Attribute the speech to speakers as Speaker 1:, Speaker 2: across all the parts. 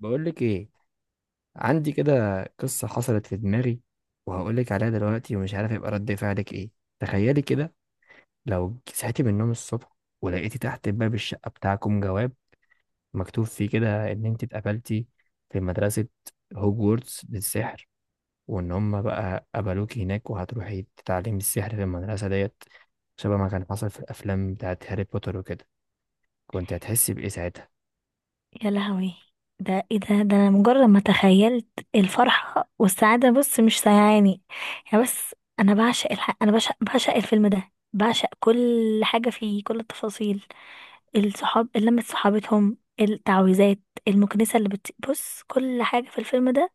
Speaker 1: بقول لك ايه؟ عندي كده قصة حصلت في دماغي، وهقول لك عليها دلوقتي، ومش عارف يبقى رد فعلك ايه. تخيلي كده، لو صحيتي من النوم الصبح ولقيتي تحت باب الشقة بتاعكم جواب مكتوب فيه كده ان انت اتقبلتي في مدرسة هوجورتس للسحر، وان هم بقى قبلوك هناك وهتروحي تتعلمي السحر في المدرسة ديت، شبه ما كان حصل في الافلام بتاعت هاري بوتر وكده. كنت هتحسي بايه ساعتها؟
Speaker 2: يا لهوي! ده ايه ده انا مجرد ما تخيلت الفرحة والسعادة، بص مش سايعاني. يعني بس انا بعشق الفيلم ده، بعشق كل حاجة فيه، كل التفاصيل. الصحاب، لمة صحابتهم، التعويذات، المكنسة اللي بص، كل حاجة في الفيلم ده.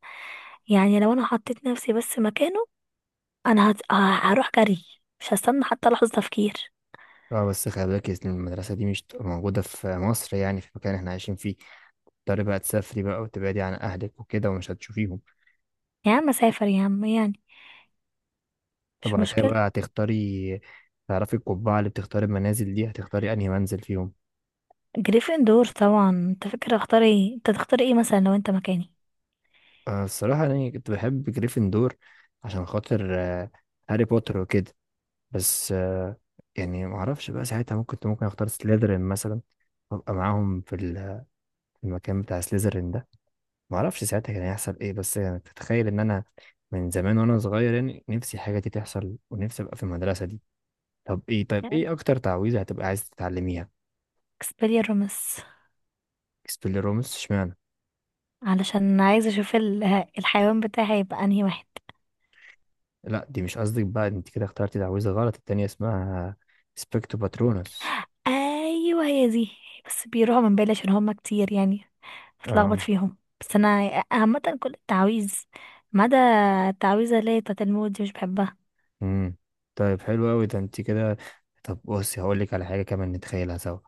Speaker 2: يعني لو انا حطيت نفسي بس مكانه، انا هت... ه- هروح جري، مش هستنى حتى لحظة تفكير.
Speaker 1: اه، بس خلي بالك إن المدرسة دي مش تبقى موجودة في مصر، يعني في المكان اللي احنا عايشين فيه. تضطري بقى تسافري بقى وتبعدي عن أهلك وكده ومش هتشوفيهم.
Speaker 2: يا عم سافر يا عم، يعني
Speaker 1: طب
Speaker 2: مش
Speaker 1: على كده بقى
Speaker 2: مشكلة.
Speaker 1: هتختاري. تعرفي القبعة اللي بتختاري المنازل دي، هتختاري أنهي منزل فيهم؟
Speaker 2: جريفندور طبعا. انت فاكر اختار ايه؟ انت تختار ايه مثلا لو انت مكاني؟
Speaker 1: الصراحة أنا كنت بحب جريفندور عشان خاطر هاري بوتر وكده. بس يعني معرفش بقى ساعتها، ممكن كنت ممكن أختار سليذرين مثلا، وأبقى معاهم في المكان بتاع سليذرين ده. معرفش ساعتها كان هيحصل إيه، بس يعني تتخيل إن أنا من زمان وأنا صغير، يعني نفسي حاجة دي تحصل ونفسي أبقى في المدرسة دي. طب ايه، طيب ايه اكتر تعويذة هتبقى عايز تتعلميها؟
Speaker 2: اكسبيليرمس،
Speaker 1: سبيليرومس اشمعنى؟
Speaker 2: علشان عايزه اشوف الحيوان بتاعي هيبقى انهي واحد.
Speaker 1: لا دي مش قصدك بقى، انت كده اخترتي تعويذة غلط، التانية اسمها سبيكتو باترونس.
Speaker 2: ايوه هي دي، بس بيروحوا من بالي عشان هما كتير يعني، بتلخبط
Speaker 1: اه.
Speaker 2: فيهم، بس انا عامه كل التعاويذ ما عدا التعويذه اللي هي بتاعت الموت دي، مش بحبها.
Speaker 1: امم طيب حلو قوي ده انت كده. طب بصي هقول لك على حاجة كمان نتخيلها سوا.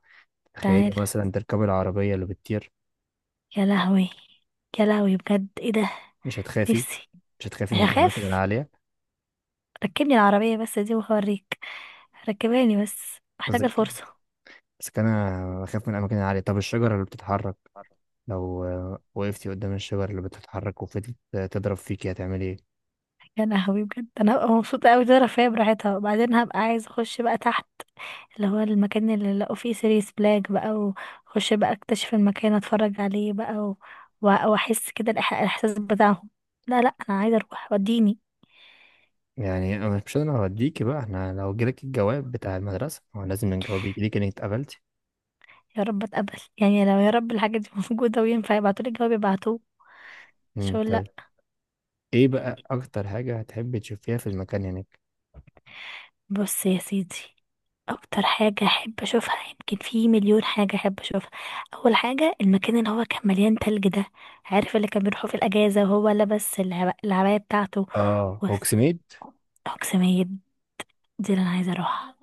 Speaker 1: تخيلي
Speaker 2: تعالى!
Speaker 1: مثلا تركبي العربية اللي بتطير.
Speaker 2: يا لهوي! يا لهوي، بجد ايه ده؟
Speaker 1: مش هتخافي؟
Speaker 2: نفسي.
Speaker 1: مش هتخافي من الأماكن
Speaker 2: هخاف.
Speaker 1: العالية؟
Speaker 2: ركبني العربيه بس دي وهوريك، ركباني بس محتاجه
Speaker 1: قصدك
Speaker 2: الفرصه.
Speaker 1: بس أنا أخاف من الأماكن العالية. طب الشجرة اللي بتتحرك، لو وقفتي قدام الشجرة اللي بتتحرك وفضلت تضرب فيكي، هتعملي إيه؟
Speaker 2: يا لهوي، بجد انا هبقى مبسوطه قوي، دي رفاهيه براحتها، وبعدين هبقى عايزه اخش بقى تحت، اللي هو المكان اللي لقوا فيه سيريس بلاك بقى، واخش بقى اكتشف المكان، اتفرج عليه بقى واحس كده الاحساس بتاعهم. لا، لا، انا عايزه اروح، وديني.
Speaker 1: يعني أنا مش، انا هوديكي بقى، احنا لو جالك الجواب بتاع المدرسة هو لازم نجاوب يجيلك انك اتقبلتي.
Speaker 2: يا رب اتقبل، يعني لو يا رب الحاجه دي موجوده وينفع يبعتولي الجواب يبعتوه، مش هقول لا.
Speaker 1: طيب، ايه بقى اكتر حاجة هتحبي تشوفيها في المكان هناك؟
Speaker 2: بص يا سيدي، اكتر حاجة احب اشوفها، يمكن في مليون حاجة احب اشوفها. اول حاجة المكان اللي هو كان مليان تلج ده، عارف اللي كان بيروحوا في الاجازة وهو لابس العباية بتاعته.
Speaker 1: اه
Speaker 2: وس-
Speaker 1: هوكسميد.
Speaker 2: اقسمية، دي اللي انا عايزة اروحها،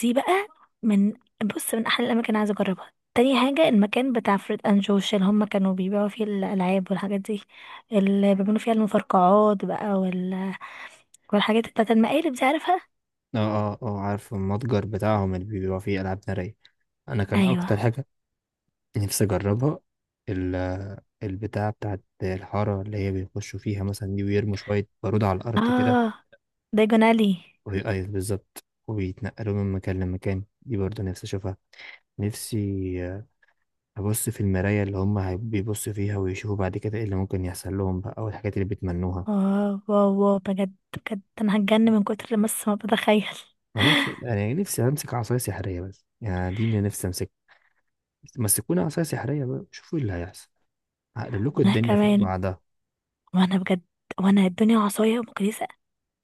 Speaker 2: دي بقى من، بص من احلى الاماكن اللي عايزة اجربها. تاني حاجة المكان بتاع فريد اند جوش، اللي هم كانوا بيبيعوا فيه الالعاب والحاجات دي، اللي بيعملوا فيها المفرقعات بقى والحاجات بتاعت المقالب دي، عارفها.
Speaker 1: اه، اه، اه عارف المتجر بتاعهم اللي بيبقى فيه العاب نارية. انا كان
Speaker 2: ايوه.
Speaker 1: اكتر حاجة نفسي اجربها، ال البتاع بتاعت الحارة اللي هي بيخشوا فيها مثلا دي، ويرموا شوية بارود على الأرض كده.
Speaker 2: اه، دايجون الي.
Speaker 1: وهي أيوة بالظبط، وبيتنقلوا من مكان لمكان، دي برضه نفسي أشوفها. نفسي هبص في المراية اللي هم بيبصوا فيها ويشوفوا بعد كده ايه اللي ممكن يحصل لهم بقى، او الحاجات اللي بيتمنوها.
Speaker 2: واو، واو، واو، بجد بجد انا هتجن من كتر بس ما بتخيل.
Speaker 1: انا نفسي، انا يعني نفسي امسك عصاية سحرية، بس يعني دي اللي نفسي امسك. مسكونا عصاية سحرية بقى شوفوا ايه اللي هيحصل، هقلب لكم
Speaker 2: وانا
Speaker 1: الدنيا فوق
Speaker 2: كمان،
Speaker 1: بعضها.
Speaker 2: وانا بجد، وانا الدنيا عصاية ومكنسة.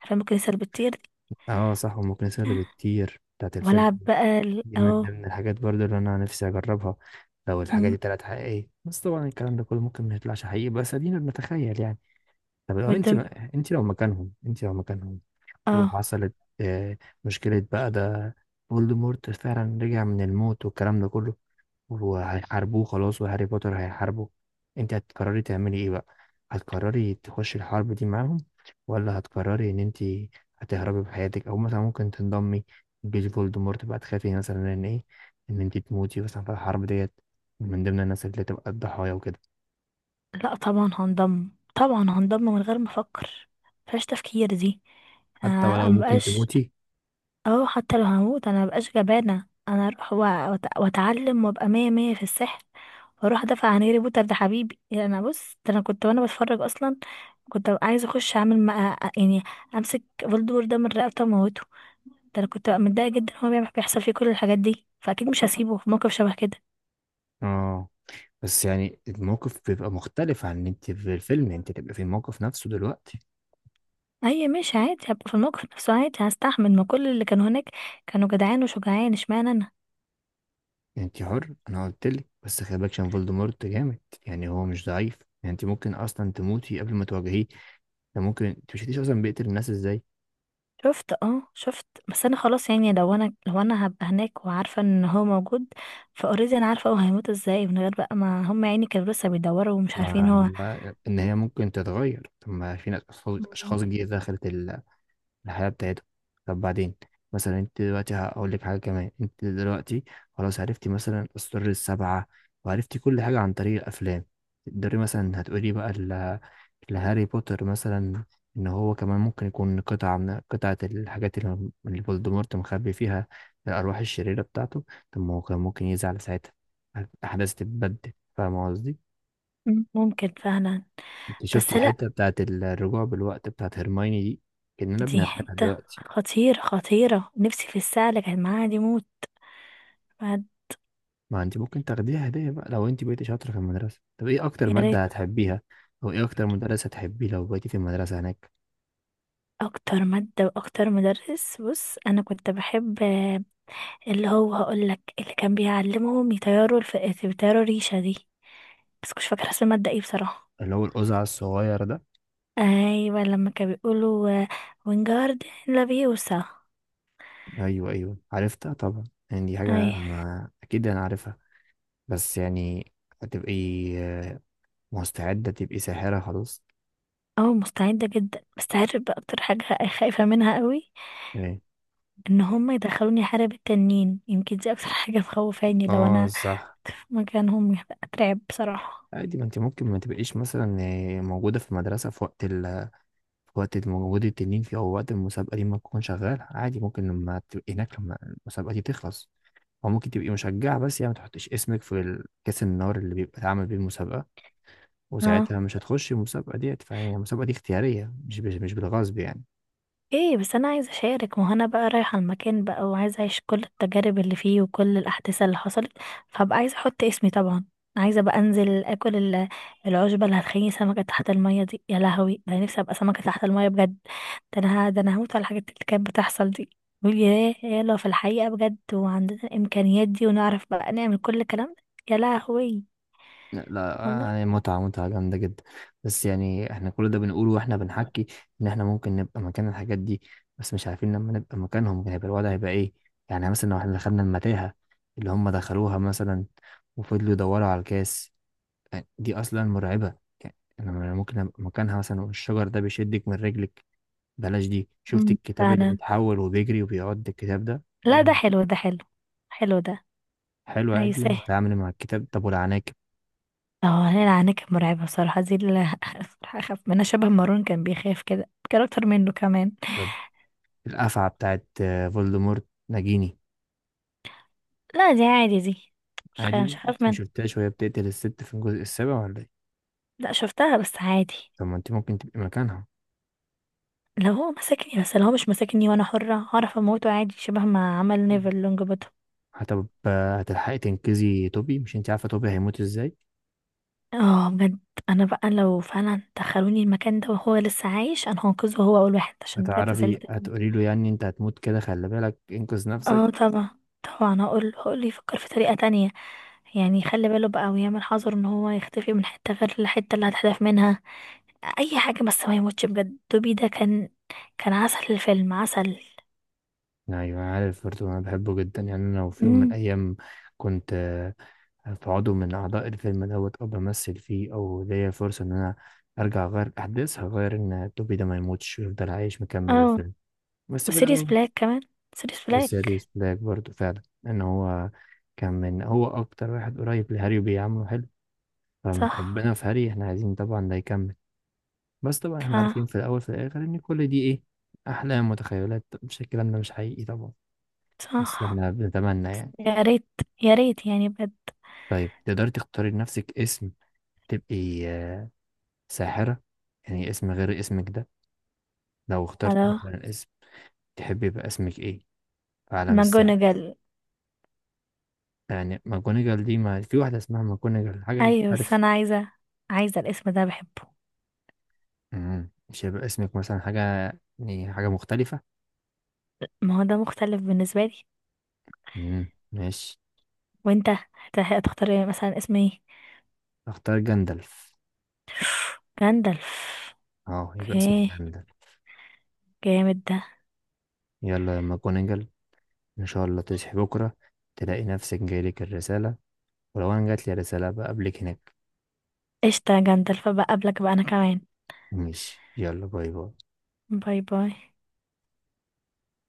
Speaker 2: عارفة المكنسة اللي بتطير دي،
Speaker 1: اه صح، والمكنسة اللي بتطير بتاعت الفيلم
Speaker 2: والعب بقى
Speaker 1: دي من
Speaker 2: اهو.
Speaker 1: ضمن الحاجات برضو اللي انا نفسي اجربها لو الحاجة دي
Speaker 2: مم.
Speaker 1: طلعت حقيقية. بس طبعا الكلام ده كله ممكن ما يطلعش حقيقي، بس ادينا بنتخيل يعني. طب لو انت
Speaker 2: والدم،
Speaker 1: ما... انت لو مكانهم،
Speaker 2: اه
Speaker 1: وحصلت آه، مشكلة بقى. ده فولدمورت فعلا رجع من الموت والكلام ده كله، وهيحاربوه خلاص وهاري بوتر هيحاربه، انت هتقرري تعملي ايه بقى؟ هتقرري تخشي الحرب دي معاهم، ولا هتقرري ان انت هتهربي بحياتك، او مثلا ممكن تنضمي لجيش فولدمورت بقى؟ تخافي مثلا ان ايه، ان انت تموتي مثلا في الحرب ديت، من ضمن الناس اللي تبقى الضحايا وكده؟
Speaker 2: لا، طبعا هنضم، طبعا هنضم من غير ما افكر، مفيهاش تفكير دي.
Speaker 1: حتى
Speaker 2: انا
Speaker 1: ولو ممكن
Speaker 2: مبقاش،
Speaker 1: تموتي.
Speaker 2: اه حتى لو هموت انا مبقاش جبانة، انا اروح واتعلم وابقى مية مية في السحر، واروح ادافع عن هاري بوتر، ده حبيبي يعني، انا بص، ده انا كنت وانا بتفرج اصلا كنت ببقى عايزة اخش اعمل مع، يعني امسك فولدور ده من رقبته واموته. ده انا كنت ببقى متضايقة جدا، هو بيحصل فيه كل الحاجات دي، فاكيد مش هسيبه في موقف شبه كده.
Speaker 1: اه، بس يعني الموقف بيبقى مختلف عن ان انت في الفيلم، انت تبقى في الموقف نفسه دلوقتي.
Speaker 2: اي ماشي عادي، هبقى في الموقف نفسه عادي، هستحمل ما كل اللي كانوا هناك، كانوا جدعان وشجعان، اشمعنى.
Speaker 1: يعني انت حر، انا قلت لك، بس خلي بالك عشان فولدمورت جامد يعني، هو مش ضعيف. يعني انت ممكن اصلا تموتي قبل ما تواجهيه. ده ممكن انت مش شفتيش اصلا بيقتل الناس ازاي؟
Speaker 2: شفت، اه، شفت، بس انا خلاص، يعني لو انا هبقى هناك وعارفه ان هو موجود، فاوريدي انا عارفه هو هيموت ازاي، من غير بقى ما هم يعني كانوا لسه بيدوروا ومش عارفين
Speaker 1: ما
Speaker 2: هو.
Speaker 1: ان هي ممكن تتغير. طب ما في ناس، اشخاص
Speaker 2: مم.
Speaker 1: أشخاص جديده دخلت الحياه بتاعتهم. طب بعدين مثلا، انت دلوقتي هقول لك حاجه كمان، انت دلوقتي خلاص عرفتي مثلا اسرار 7، وعرفتي كل حاجه عن طريق الافلام. تقدري مثلا، هتقولي بقى لهاري بوتر مثلا ان هو كمان ممكن يكون قطعة من قطعة الحاجات اللي فولدمورت مخبي فيها الأرواح الشريرة بتاعته. طب ما هو كان ممكن يزعل ساعتها، الأحداث تتبدل، فاهم قصدي؟
Speaker 2: ممكن فعلا،
Speaker 1: انت شفت
Speaker 2: بس لا،
Speaker 1: الحتة بتاعت الرجوع بالوقت بتاعت هرمايني دي؟ كأننا
Speaker 2: دي
Speaker 1: بنعملها
Speaker 2: حته
Speaker 1: دلوقتي.
Speaker 2: خطيره، خطيره، نفسي في الساعه اللي كانت معاها دي موت. بعد-
Speaker 1: ما انت ممكن تاخديها هدية بقى لو انت بقيتي شاطرة في المدرسة. طب ايه أكتر
Speaker 2: يا ريت.
Speaker 1: مادة هتحبيها؟ أو ايه أكتر مدرس هتحبيه لو بقيتي في المدرسة هناك؟
Speaker 2: اكتر ماده واكتر مدرس، بص انا كنت بحب اللي هو، هقول لك اللي كان بيعلمهم يطيروا يطيروا الريشه دي، بس مش فاكره اسم الماده ايه بصراحه.
Speaker 1: اللي هو القزع الصغير ده.
Speaker 2: ايوه، لما كانوا بيقولوا وينجارد لافيوسا.
Speaker 1: ايوه ايوه عرفتها طبعا، يعني دي
Speaker 2: اي.
Speaker 1: حاجه ما اكيد انا عارفها. بس يعني هتبقي آه، مستعده تبقي ساحره خلاص؟
Speaker 2: اه، مستعده جدا، بس عارف بقى اكتر حاجه خايفه منها قوي؟
Speaker 1: ايه؟
Speaker 2: ان هم يدخلوني حرب التنين، يمكن دي اكتر حاجه مخوفاني، لو
Speaker 1: اه
Speaker 2: انا
Speaker 1: صح.
Speaker 2: في مكانهم هبقى اترعب بصراحه.
Speaker 1: عادي ما انت ممكن ما تبقيش مثلا موجوده في المدرسه في وقت في وقت موجود التنين فيه، او وقت المسابقه دي ما تكون شغاله. عادي، ممكن لما تبقي هناك لما المسابقه دي تخلص، او ممكن تبقي مشجعه بس، يعني ما تحطيش اسمك في كاس النار اللي بيبقى اتعمل بيه المسابقه،
Speaker 2: اه،
Speaker 1: وساعتها مش هتخشي المسابقه ديت. فيعني المسابقه دي اختياريه، مش بالغصب يعني.
Speaker 2: ايه بس انا عايزه اشارك، وهنا بقى رايحه المكان بقى وعايزه اعيش كل التجارب اللي فيه وكل الاحداث اللي حصلت، فهبقى عايزه احط اسمي طبعا. عايزه بقى انزل اكل العشبه اللي هتخليني سمكه تحت الميه دي، يا لهوي ده انا نفسي ابقى سمكه تحت الميه بجد. ده انا هموت على الحاجات اللي كانت بتحصل دي، بقول ياه يا لو في الحقيقه بجد وعندنا الامكانيات دي ونعرف بقى نعمل كل الكلام ده، يا لهوي.
Speaker 1: لا
Speaker 2: والله.
Speaker 1: لا، متعة جامدة جدا. بس يعني احنا كل ده بنقوله واحنا بنحكي ان احنا ممكن نبقى مكان الحاجات دي، بس مش عارفين لما نبقى مكانهم هيبقى الوضع هيبقى ايه. يعني مثلا لو احنا دخلنا المتاهة اللي هم دخلوها مثلا وفضلوا يدوروا على الكاس، يعني دي اصلا مرعبة. يعني انا ممكن ابقى مكانها مثلا، والشجر ده بيشدك من رجلك. بلاش دي، شفت الكتاب اللي
Speaker 2: فانا.
Speaker 1: بيتحول وبيجري وبيعض، الكتاب ده
Speaker 2: لا ده
Speaker 1: لما،
Speaker 2: حلو، ده حلو، حلو ده،
Speaker 1: حلو، عادي
Speaker 2: عايزاه.
Speaker 1: تتعامل مع الكتاب. طب والعناكب؟
Speaker 2: اه، ليلى عنها كانت مرعبة بصراحة، دي اللي بصراحة أخاف منها شبه مارون كان بيخاف كده، كان أكتر منه كمان.
Speaker 1: طب القفعة بتاعت فولدمورت نجيني.
Speaker 2: لا، دي عادي دي، مش خايف، مش
Speaker 1: عادي،
Speaker 2: هخاف
Speaker 1: انت
Speaker 2: منها.
Speaker 1: مشفتهاش وهي بتقتل الست في الجزء السابع ولا ايه؟
Speaker 2: لا شفتها بس عادي.
Speaker 1: طب ما انت ممكن تبقي مكانها.
Speaker 2: لو هو مسكني، بس لو هو مش مسكني وأنا حرة هعرف أموته عادي شبه ما عمل نيفل لونج بوتوم.
Speaker 1: هتلحقي تنقذي توبي؟ مش انت عارفه توبي هيموت ازاي؟
Speaker 2: اه بجد. أنا بقى لو فعلا دخلوني المكان ده وهو لسه عايش أنا هنقذه هو أول واحد، عشان بجد
Speaker 1: هتعرفي،
Speaker 2: زعلت.
Speaker 1: هتقولي له يعني انت هتموت كده، خلي بالك انقذ نفسك.
Speaker 2: اه طبعا، طبعا هقول يفكر في طريقة تانية، يعني يخلي باله بقى ويعمل حذر ان هو يختفي من حتة غير الحتة اللي هتحذف منها، اي حاجة بس ما يموتش، بجد دوبي ده كان عسل، الفيلم عسل.
Speaker 1: ايوه انا عارف برضه، انا بحبه جدا يعني. انا لو في يوم من
Speaker 2: امم
Speaker 1: الايام كنت في عضو من اعضاء الفيلم دوت، او بمثل فيه، او ليا فرصه ان انا ارجع اغير الاحداث، هغير ان توبي ده ما يموتش ويفضل عايش مكمل
Speaker 2: اه،
Speaker 1: الفيلم. بس في
Speaker 2: وسيريس
Speaker 1: الاول،
Speaker 2: بلاك كمان، سيريس بلاك.
Speaker 1: وسيريوس بلاك برضو، فعلا ان هو كان من هو اكتر واحد قريب لهاري وبيعامله حلو، فمن
Speaker 2: صح.
Speaker 1: حبنا في هاري احنا عايزين طبعا ده يكمل. بس طبعا
Speaker 2: ف
Speaker 1: احنا عارفين في الاول في الاخر ان كل دي ايه، احلام وتخيلات، مش الكلام ده مش حقيقي طبعا. بس
Speaker 2: صح.
Speaker 1: احنا بنتمنى يعني.
Speaker 2: يا ريت، يا ريت يعني بجد.
Speaker 1: طيب تقدري تختاري لنفسك اسم تبقي ساحرة، يعني اسم غير اسمك ده، لو اخترتي
Speaker 2: هلا.
Speaker 1: مثلا اسم تحبي يبقى اسمك ايه في عالم السحر؟
Speaker 2: ماجونجل.
Speaker 1: يعني ماكونيجال، دي ما في واحدة اسمها ماكونيجال، حاجة
Speaker 2: ايوه بس
Speaker 1: مختلفة.
Speaker 2: انا عايزة الاسم ده بحبه.
Speaker 1: مم. مش هيبقى اسمك مثلا حاجة، يعني حاجة مختلفة.
Speaker 2: ما هو ده مختلف بالنسبة لي.
Speaker 1: مم. ماشي.
Speaker 2: وانت هتختار إيه؟ مثلا اسم ايه؟
Speaker 1: اختار جندلف.
Speaker 2: جندلف.
Speaker 1: اه، يبقى اسمك
Speaker 2: اوكي،
Speaker 1: جندلف.
Speaker 2: جامد ده.
Speaker 1: يلا يا ماكونيجل، ان شاء الله تصحي بكرة تلاقي نفسك جايلك الرسالة، ولو انا جاتلي الرسالة بقابلك هناك.
Speaker 2: قشطة يا جندلف، بقى قبلك بقى انا كمان.
Speaker 1: ماشي، يلا، باي باي.
Speaker 2: باي باي.